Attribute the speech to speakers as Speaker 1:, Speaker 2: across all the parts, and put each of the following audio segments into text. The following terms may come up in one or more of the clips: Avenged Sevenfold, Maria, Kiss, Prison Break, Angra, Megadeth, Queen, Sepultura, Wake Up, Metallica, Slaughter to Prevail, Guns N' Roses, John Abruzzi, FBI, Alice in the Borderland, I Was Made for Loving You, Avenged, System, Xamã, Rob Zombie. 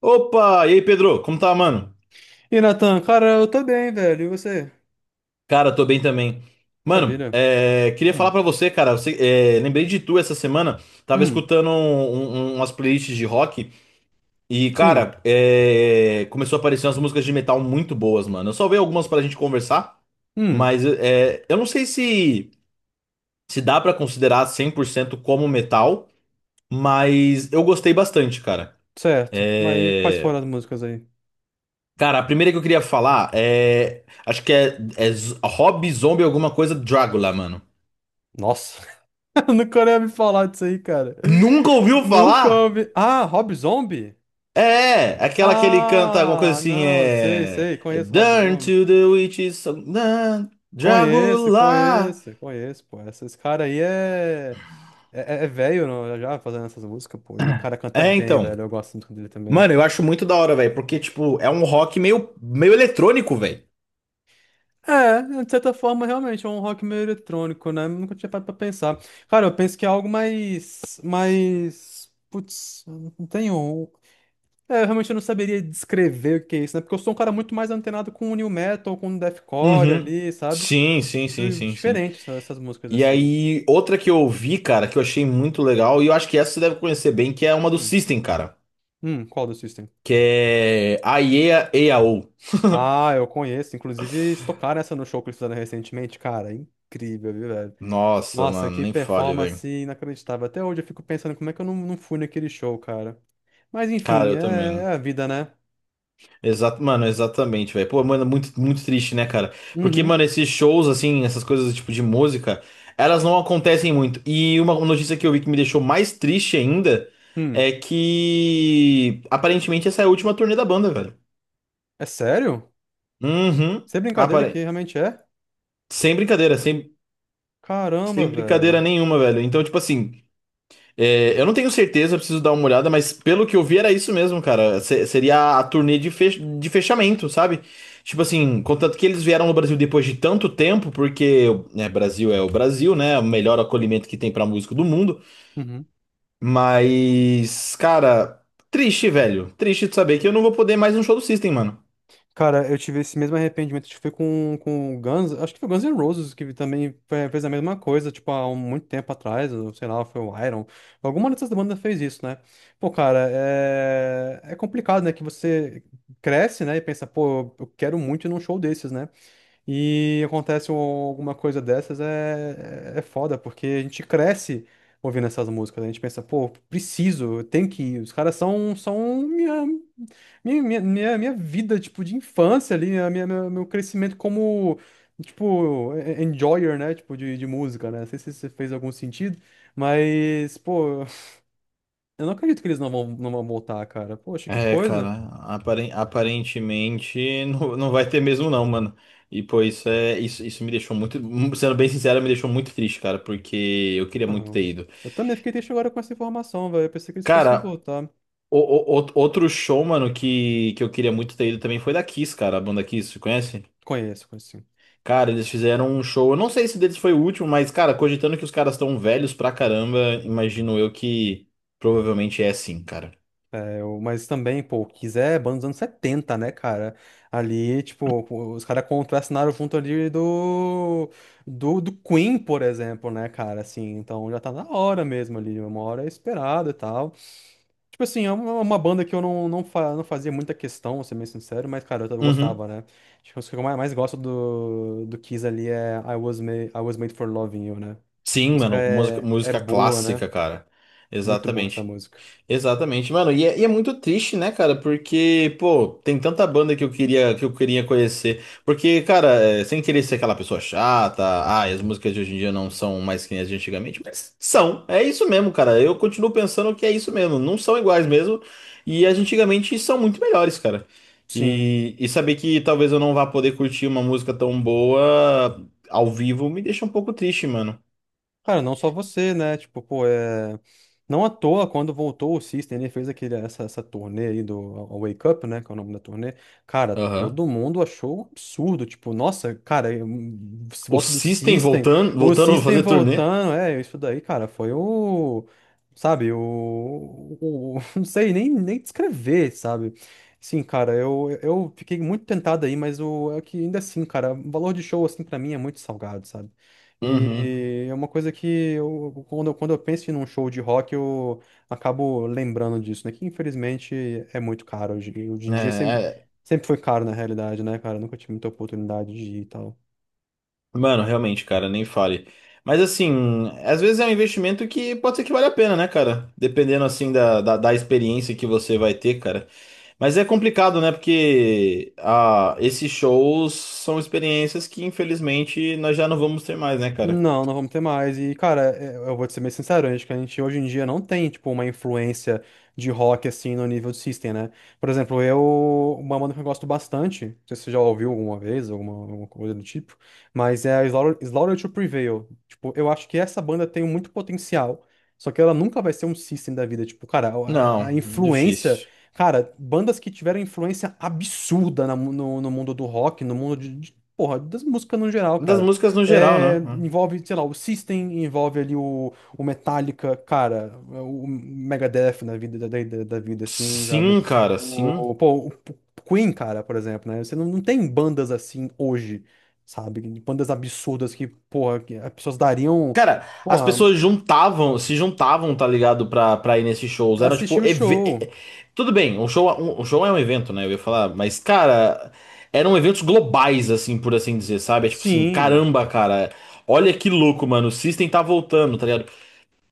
Speaker 1: Opa! E aí, Pedro? Como tá, mano?
Speaker 2: E Natan, cara, eu tô bem, velho. E você?
Speaker 1: Cara, tô bem também. Mano,
Speaker 2: Maravilha.
Speaker 1: é, queria falar
Speaker 2: Hum,
Speaker 1: pra você, cara. É, lembrei de tu essa semana. Tava
Speaker 2: hum,
Speaker 1: escutando umas playlists de rock e,
Speaker 2: sim,
Speaker 1: cara, é, começou a aparecer umas músicas de metal muito boas, mano. Eu salvei algumas pra gente conversar,
Speaker 2: hum,
Speaker 1: mas é, eu não sei se dá pra considerar 100% como metal, mas eu gostei bastante, cara.
Speaker 2: certo. Mas e quais
Speaker 1: É,
Speaker 2: foram as músicas aí?
Speaker 1: cara, a primeira que eu queria falar é. Acho que é Rob Zombie alguma coisa Drácula, mano.
Speaker 2: Nossa, eu nunca ia me falar disso aí, cara.
Speaker 1: Nunca ouviu
Speaker 2: Nunca
Speaker 1: falar?
Speaker 2: ouvi. Ah, Rob Zombie?
Speaker 1: É, aquela que ele canta alguma coisa
Speaker 2: Ah,
Speaker 1: assim,
Speaker 2: não, sei,
Speaker 1: é.
Speaker 2: sei. Conheço o Rob
Speaker 1: Turn
Speaker 2: Zombie.
Speaker 1: to the witches, song, dun,
Speaker 2: Conheço,
Speaker 1: Drácula.
Speaker 2: conheço, conheço, pô. Esse cara aí é. É, é velho, não? Já já fazendo essas músicas, pô. E o cara canta
Speaker 1: É,
Speaker 2: bem,
Speaker 1: então.
Speaker 2: velho. Eu gosto muito dele também.
Speaker 1: Mano, eu acho muito da hora, velho, porque, tipo, é um rock meio, meio eletrônico, velho.
Speaker 2: É, de certa forma, realmente, é um rock meio eletrônico, né? Nunca tinha parado pra pensar. Cara, eu penso que é algo mais, mais, putz, eu não tenho. É, eu realmente não saberia descrever o que é isso, né? Porque eu sou um cara muito mais antenado com o new metal, com o deathcore
Speaker 1: Uhum.
Speaker 2: ali, sabe?
Speaker 1: Sim, sim, sim,
Speaker 2: E
Speaker 1: sim, sim.
Speaker 2: diferente essas músicas,
Speaker 1: E
Speaker 2: assim.
Speaker 1: aí, outra que eu ouvi, cara, que eu achei muito legal, e eu acho que essa você deve conhecer bem, que é uma do
Speaker 2: Hum,
Speaker 1: System, cara.
Speaker 2: qual do System?
Speaker 1: Que é a EA, EAO.
Speaker 2: Ah, eu conheço. Inclusive, eles tocaram essa no show que eles fizeram recentemente. Cara, incrível, viu, velho?
Speaker 1: Nossa,
Speaker 2: Nossa,
Speaker 1: mano,
Speaker 2: que
Speaker 1: nem fale, velho.
Speaker 2: performance inacreditável. Até hoje eu fico pensando como é que eu não fui naquele show, cara. Mas
Speaker 1: Cara,
Speaker 2: enfim, é,
Speaker 1: eu
Speaker 2: é
Speaker 1: também.
Speaker 2: a vida, né?
Speaker 1: Exato, mano, exatamente, velho. Pô, mano, muito, muito triste, né, cara? Porque, mano,
Speaker 2: Uhum.
Speaker 1: esses shows, assim, essas coisas tipo de música, elas não acontecem muito. E uma notícia que eu vi que me deixou mais triste ainda
Speaker 2: Hum.
Speaker 1: é que aparentemente essa é a última turnê da banda, velho.
Speaker 2: É sério?
Speaker 1: Uhum.
Speaker 2: Sem brincadeira que
Speaker 1: Apare...
Speaker 2: realmente é?
Speaker 1: Sem brincadeira, sem,
Speaker 2: Caramba,
Speaker 1: sem brincadeira
Speaker 2: velho.
Speaker 1: nenhuma, velho. Então, tipo assim. É, eu não tenho certeza, eu preciso dar uma olhada, mas pelo que eu vi era isso mesmo, cara. Seria a turnê de, de fechamento, sabe? Tipo assim, contanto que eles vieram no Brasil depois de tanto tempo, porque né, Brasil é o Brasil, né? O melhor acolhimento que tem pra músico do mundo.
Speaker 2: Uhum.
Speaker 1: Mas, cara, triste, velho. Triste de saber que eu não vou poder mais um show do System, mano.
Speaker 2: Cara, eu tive esse mesmo arrependimento. Acho que foi com, o Guns. Acho que foi o Guns N' Roses que também fez a mesma coisa, tipo, há muito tempo atrás. Ou, sei lá, foi o Iron. Alguma dessas bandas fez isso, né? Pô, cara, é complicado, né? Que você cresce, né? E pensa, pô, eu quero muito ir num show desses, né? E acontece alguma coisa dessas é foda, porque a gente cresce ouvindo essas músicas. A gente pensa, pô, preciso, eu tenho que ir. Os caras são minha vida, tipo, de infância ali, meu crescimento como, tipo, enjoyer, né? Tipo, de música, né? Não sei se isso fez algum sentido, mas, pô, eu não acredito que eles não vão voltar, cara. Poxa, que
Speaker 1: É,
Speaker 2: coisa.
Speaker 1: cara, aparentemente não vai ter mesmo não, mano. E pô, isso é isso, isso me deixou muito, sendo bem sincero, me deixou muito triste, cara, porque eu queria muito
Speaker 2: Ah,
Speaker 1: ter ido.
Speaker 2: eu também fiquei triste agora com essa informação, velho. Eu pensei que eles fossem
Speaker 1: Cara,
Speaker 2: voltar.
Speaker 1: o outro show, mano, que eu queria muito ter ido também foi da Kiss, cara, a banda Kiss, você conhece?
Speaker 2: Conheço, conheço.
Speaker 1: Cara, eles fizeram um show, eu não sei se deles foi o último, mas cara, cogitando que os caras estão velhos pra caramba, imagino eu que provavelmente é sim, cara.
Speaker 2: Mas também, pô, quiser, banda dos anos 70, né, cara? Ali, tipo, os caras contracenaram junto ali do, do Queen, por exemplo, né, cara? Assim, então já tá na hora mesmo ali, uma hora é esperada e tal. Tipo assim, é uma, banda que eu não não fazia muita questão, vou ser bem sincero, mas, cara, eu
Speaker 1: Uhum.
Speaker 2: gostava, né? Acho que os que eu mais gosto do Kiss ali é I Was Made, I Was Made for Loving You, né? Essa
Speaker 1: Sim,
Speaker 2: música
Speaker 1: mano, música,
Speaker 2: é
Speaker 1: música
Speaker 2: boa, né?
Speaker 1: clássica, cara.
Speaker 2: Muito boa essa
Speaker 1: Exatamente.
Speaker 2: música.
Speaker 1: Exatamente, mano. E é muito triste, né, cara? Porque, pô, tem tanta banda que eu queria conhecer. Porque, cara, é, sem querer ser aquela pessoa chata, ah, e as músicas de hoje em dia não são mais que nem as de antigamente, mas são. É isso mesmo, cara. Eu continuo pensando que é isso mesmo. Não são iguais mesmo. E as de antigamente são muito melhores, cara.
Speaker 2: Sim.
Speaker 1: E saber que talvez eu não vá poder curtir uma música tão boa ao vivo me deixa um pouco triste, mano.
Speaker 2: Cara, não só você, né? Tipo, pô, é. Não à toa, quando voltou o System, ele fez aquele, essa turnê aí do a Wake Up, né? Que é o nome da turnê. Cara,
Speaker 1: Aham.
Speaker 2: todo mundo achou um absurdo. Tipo, nossa, cara, se
Speaker 1: O
Speaker 2: volta do
Speaker 1: System
Speaker 2: System,
Speaker 1: voltando,
Speaker 2: o
Speaker 1: voltando a
Speaker 2: System
Speaker 1: fazer turnê.
Speaker 2: voltando, é, isso daí, cara, foi o. Sabe, não sei nem descrever, sabe? Sim, cara, eu fiquei muito tentado aí, mas é que ainda assim, cara, o valor de show, assim, pra mim é muito salgado, sabe?
Speaker 1: Uhum.
Speaker 2: E é uma coisa que quando eu penso em um show de rock, eu acabo lembrando disso, né? Que infelizmente é muito caro. Hoje
Speaker 1: É,
Speaker 2: em dia sempre, sempre foi caro, na realidade, né, cara? Eu nunca tive muita oportunidade de ir e tal.
Speaker 1: mano, realmente, cara, nem fale. Mas assim, às vezes é um investimento que pode ser que vale a pena, né, cara? Dependendo assim da experiência que você vai ter, cara. Mas é complicado, né? Porque ah, esses shows são experiências que infelizmente nós já não vamos ter mais, né, cara?
Speaker 2: Não, não vamos ter mais. E, cara, eu vou te ser bem sincero, acho que a gente hoje em dia não tem, tipo, uma influência de rock, assim, no nível de System, né? Por exemplo, eu. Uma banda que eu gosto bastante, não sei se você já ouviu alguma vez, alguma coisa do tipo, mas é a Slaughter, Slaughter to Prevail. Tipo, eu acho que essa banda tem muito potencial, só que ela nunca vai ser um System da vida. Tipo, cara, a
Speaker 1: Não,
Speaker 2: influência.
Speaker 1: difícil.
Speaker 2: Cara, bandas que tiveram influência absurda na no mundo do rock, no mundo de porra, das músicas no geral,
Speaker 1: Das
Speaker 2: cara.
Speaker 1: músicas no geral,
Speaker 2: É,
Speaker 1: né?
Speaker 2: envolve, sei lá, o System, envolve ali o Metallica, cara, o Megadeth na vida da vida, assim, sabe?
Speaker 1: Sim.
Speaker 2: Pô, o Queen, cara, por exemplo, né? Você não tem bandas assim hoje, sabe? Bandas absurdas que, porra, que as pessoas dariam,
Speaker 1: Cara, as
Speaker 2: porra,
Speaker 1: pessoas juntavam, se juntavam, tá ligado? Pra ir nesses shows.
Speaker 2: pra
Speaker 1: Era
Speaker 2: assistir
Speaker 1: tipo.
Speaker 2: o show.
Speaker 1: Tudo bem, um show, um show é um evento, né? Eu ia falar, mas, cara, eram eventos globais, assim, por assim dizer, sabe? É tipo assim,
Speaker 2: Sim,
Speaker 1: caramba, cara, olha que louco, mano. O System tá voltando, tá ligado?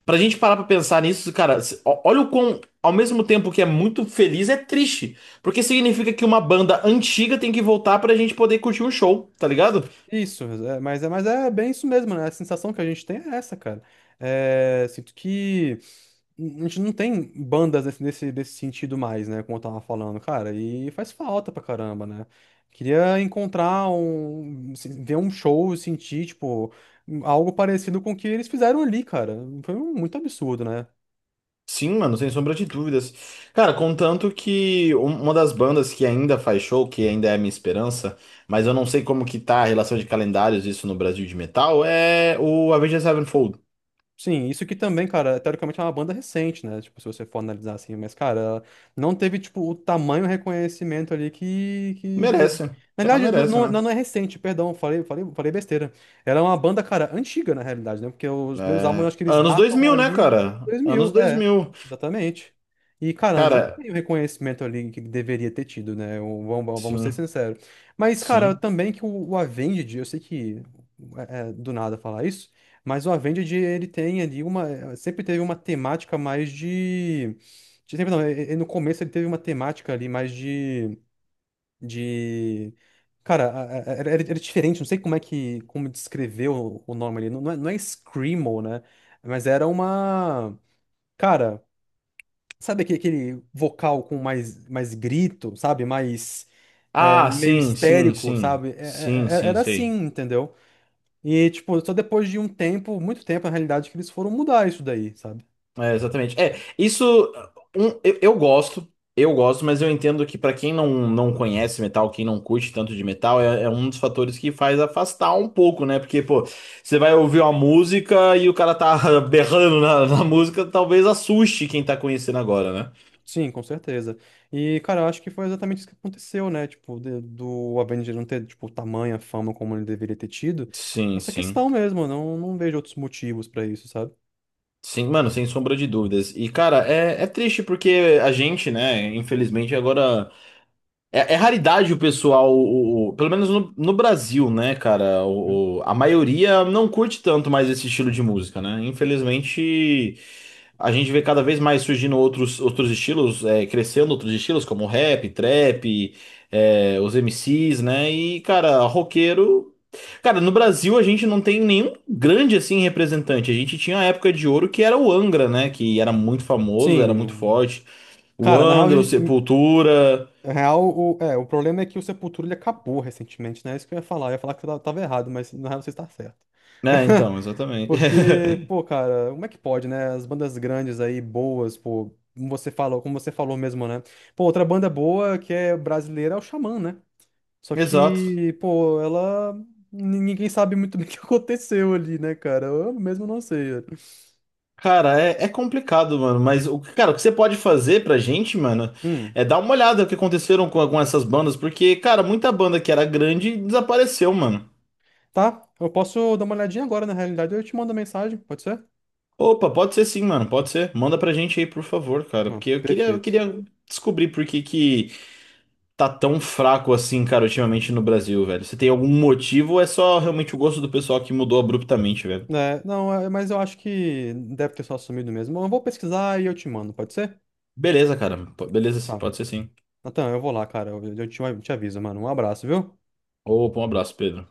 Speaker 1: Pra gente parar pra pensar nisso, cara, olha o quão. Ao mesmo tempo que é muito feliz, é triste. Porque significa que uma banda antiga tem que voltar pra gente poder curtir um show, tá ligado?
Speaker 2: isso, é, mas é bem isso mesmo, né? A sensação que a gente tem é essa, cara. É, sinto que, a gente não tem bandas nesse sentido mais, né? Como eu tava falando, cara, e faz falta pra caramba, né? Queria encontrar ver um show, sentir, tipo, algo parecido com o que eles fizeram ali, cara. Foi muito absurdo, né?
Speaker 1: Sim, mano, sem sombra de dúvidas. Cara, contanto que uma das bandas que ainda faz show, que ainda é a minha esperança, mas eu não sei como que tá a relação de calendários isso no Brasil de metal, é o Avenged Sevenfold.
Speaker 2: Sim, isso que também, cara, teoricamente é uma banda recente, né? Tipo, se você for analisar assim, mas, cara, ela não teve, tipo, o tamanho reconhecimento ali que deveria.
Speaker 1: Merece,
Speaker 2: Na
Speaker 1: que ela
Speaker 2: verdade, não,
Speaker 1: merece,
Speaker 2: não, é,
Speaker 1: né?
Speaker 2: não é recente, perdão, falei besteira. Ela é uma banda, cara, antiga, na realidade, né? Porque os meus álbuns, eu
Speaker 1: É,
Speaker 2: acho que eles
Speaker 1: Anos dois
Speaker 2: datam
Speaker 1: mil né,
Speaker 2: ali dos anos
Speaker 1: cara?
Speaker 2: 2000,
Speaker 1: Anos dois
Speaker 2: é,
Speaker 1: mil
Speaker 2: exatamente. E, cara, não
Speaker 1: Cara,
Speaker 2: tem o reconhecimento ali que deveria ter tido, né? Vamos ser
Speaker 1: sim,
Speaker 2: sinceros. Mas, cara,
Speaker 1: sim.
Speaker 2: também que o Avenged, eu sei que é do nada falar isso, mas o Avenged, ele tem ali uma. Sempre teve uma temática mais de. Sempre não, e no começo ele teve uma temática ali mais de. De. Cara, era diferente, não sei como é que, como descrever o, nome ali. Não, não é Screamo, né? Mas era uma. Cara, sabe aquele vocal com mais grito, sabe? Mais. É,
Speaker 1: Ah,
Speaker 2: meio
Speaker 1: sim, sim,
Speaker 2: histérico,
Speaker 1: sim.
Speaker 2: sabe?
Speaker 1: Sim, sim,
Speaker 2: Era assim,
Speaker 1: sei.
Speaker 2: entendeu? E, tipo, só depois de um tempo, muito tempo, na realidade, que eles foram mudar isso daí, sabe?
Speaker 1: É, exatamente. É, isso um, eu gosto, mas eu entendo que pra quem não conhece metal, quem não curte tanto de metal, é um dos fatores que faz afastar um pouco, né? Porque, pô, você vai ouvir uma música e o cara tá berrando na música, talvez assuste quem tá conhecendo agora, né?
Speaker 2: Sim, com certeza. E, cara, eu acho que foi exatamente isso que aconteceu, né? Tipo, do Avenger não ter, tipo, tamanha fama como ele deveria ter tido.
Speaker 1: Sim,
Speaker 2: Essa
Speaker 1: sim.
Speaker 2: questão mesmo, eu não vejo outros motivos pra isso, sabe?
Speaker 1: Sim, mano, sem sombra de dúvidas. E, cara, é triste porque a gente, né, infelizmente agora. É, é raridade o pessoal, pelo menos no, Brasil, né, cara?
Speaker 2: Uhum.
Speaker 1: A maioria não curte tanto mais esse estilo de música, né? Infelizmente, a gente vê cada vez mais surgindo outros estilos, é, crescendo outros estilos, como rap, trap, é, os MCs, né? E, cara, roqueiro. Cara, no Brasil a gente não tem nenhum grande assim representante. A gente tinha a época de ouro que era o Angra, né? Que era muito famoso, era muito
Speaker 2: Sim.
Speaker 1: forte. O
Speaker 2: Cara, na real, a
Speaker 1: Angra, o
Speaker 2: gente-
Speaker 1: Sepultura.
Speaker 2: na real o, é, o problema é que o Sepultura ele acabou recentemente, né? É isso que eu ia falar. Eu ia falar que eu tava errado, mas na real você está certo.
Speaker 1: É, então, exatamente.
Speaker 2: Porque, pô, cara, como é que pode, né? As bandas grandes aí, boas, pô, como você falou mesmo, né? Pô, outra banda boa que é brasileira é o Xamã, né? Só
Speaker 1: Exato.
Speaker 2: que, pô, ela. Ninguém sabe muito bem o que aconteceu ali, né, cara? Eu mesmo não sei.
Speaker 1: Cara, é complicado, mano, mas cara, o que você pode fazer pra gente, mano,
Speaker 2: Hum,
Speaker 1: é dar uma olhada no que aconteceram com essas bandas, porque, cara, muita banda que era grande desapareceu, mano.
Speaker 2: tá. Eu posso dar uma olhadinha agora, na realidade, eu te mando mensagem, pode ser?
Speaker 1: Opa, pode ser sim, mano, pode ser. Manda pra gente aí, por favor, cara,
Speaker 2: Ah,
Speaker 1: porque eu queria, eu
Speaker 2: perfeito.
Speaker 1: queria descobrir por que que tá tão fraco assim, cara, ultimamente no Brasil, velho. Você tem algum motivo ou é só realmente o gosto do pessoal que mudou abruptamente, velho?
Speaker 2: É, não, é, mas eu acho que deve ter só sumido mesmo. Eu vou pesquisar e eu te mando, pode ser?
Speaker 1: Beleza, cara, beleza,
Speaker 2: Tá.
Speaker 1: pode ser sim.
Speaker 2: Natan, eu vou lá, cara. Eu te aviso, mano. Um abraço, viu?
Speaker 1: Opa, um abraço, Pedro.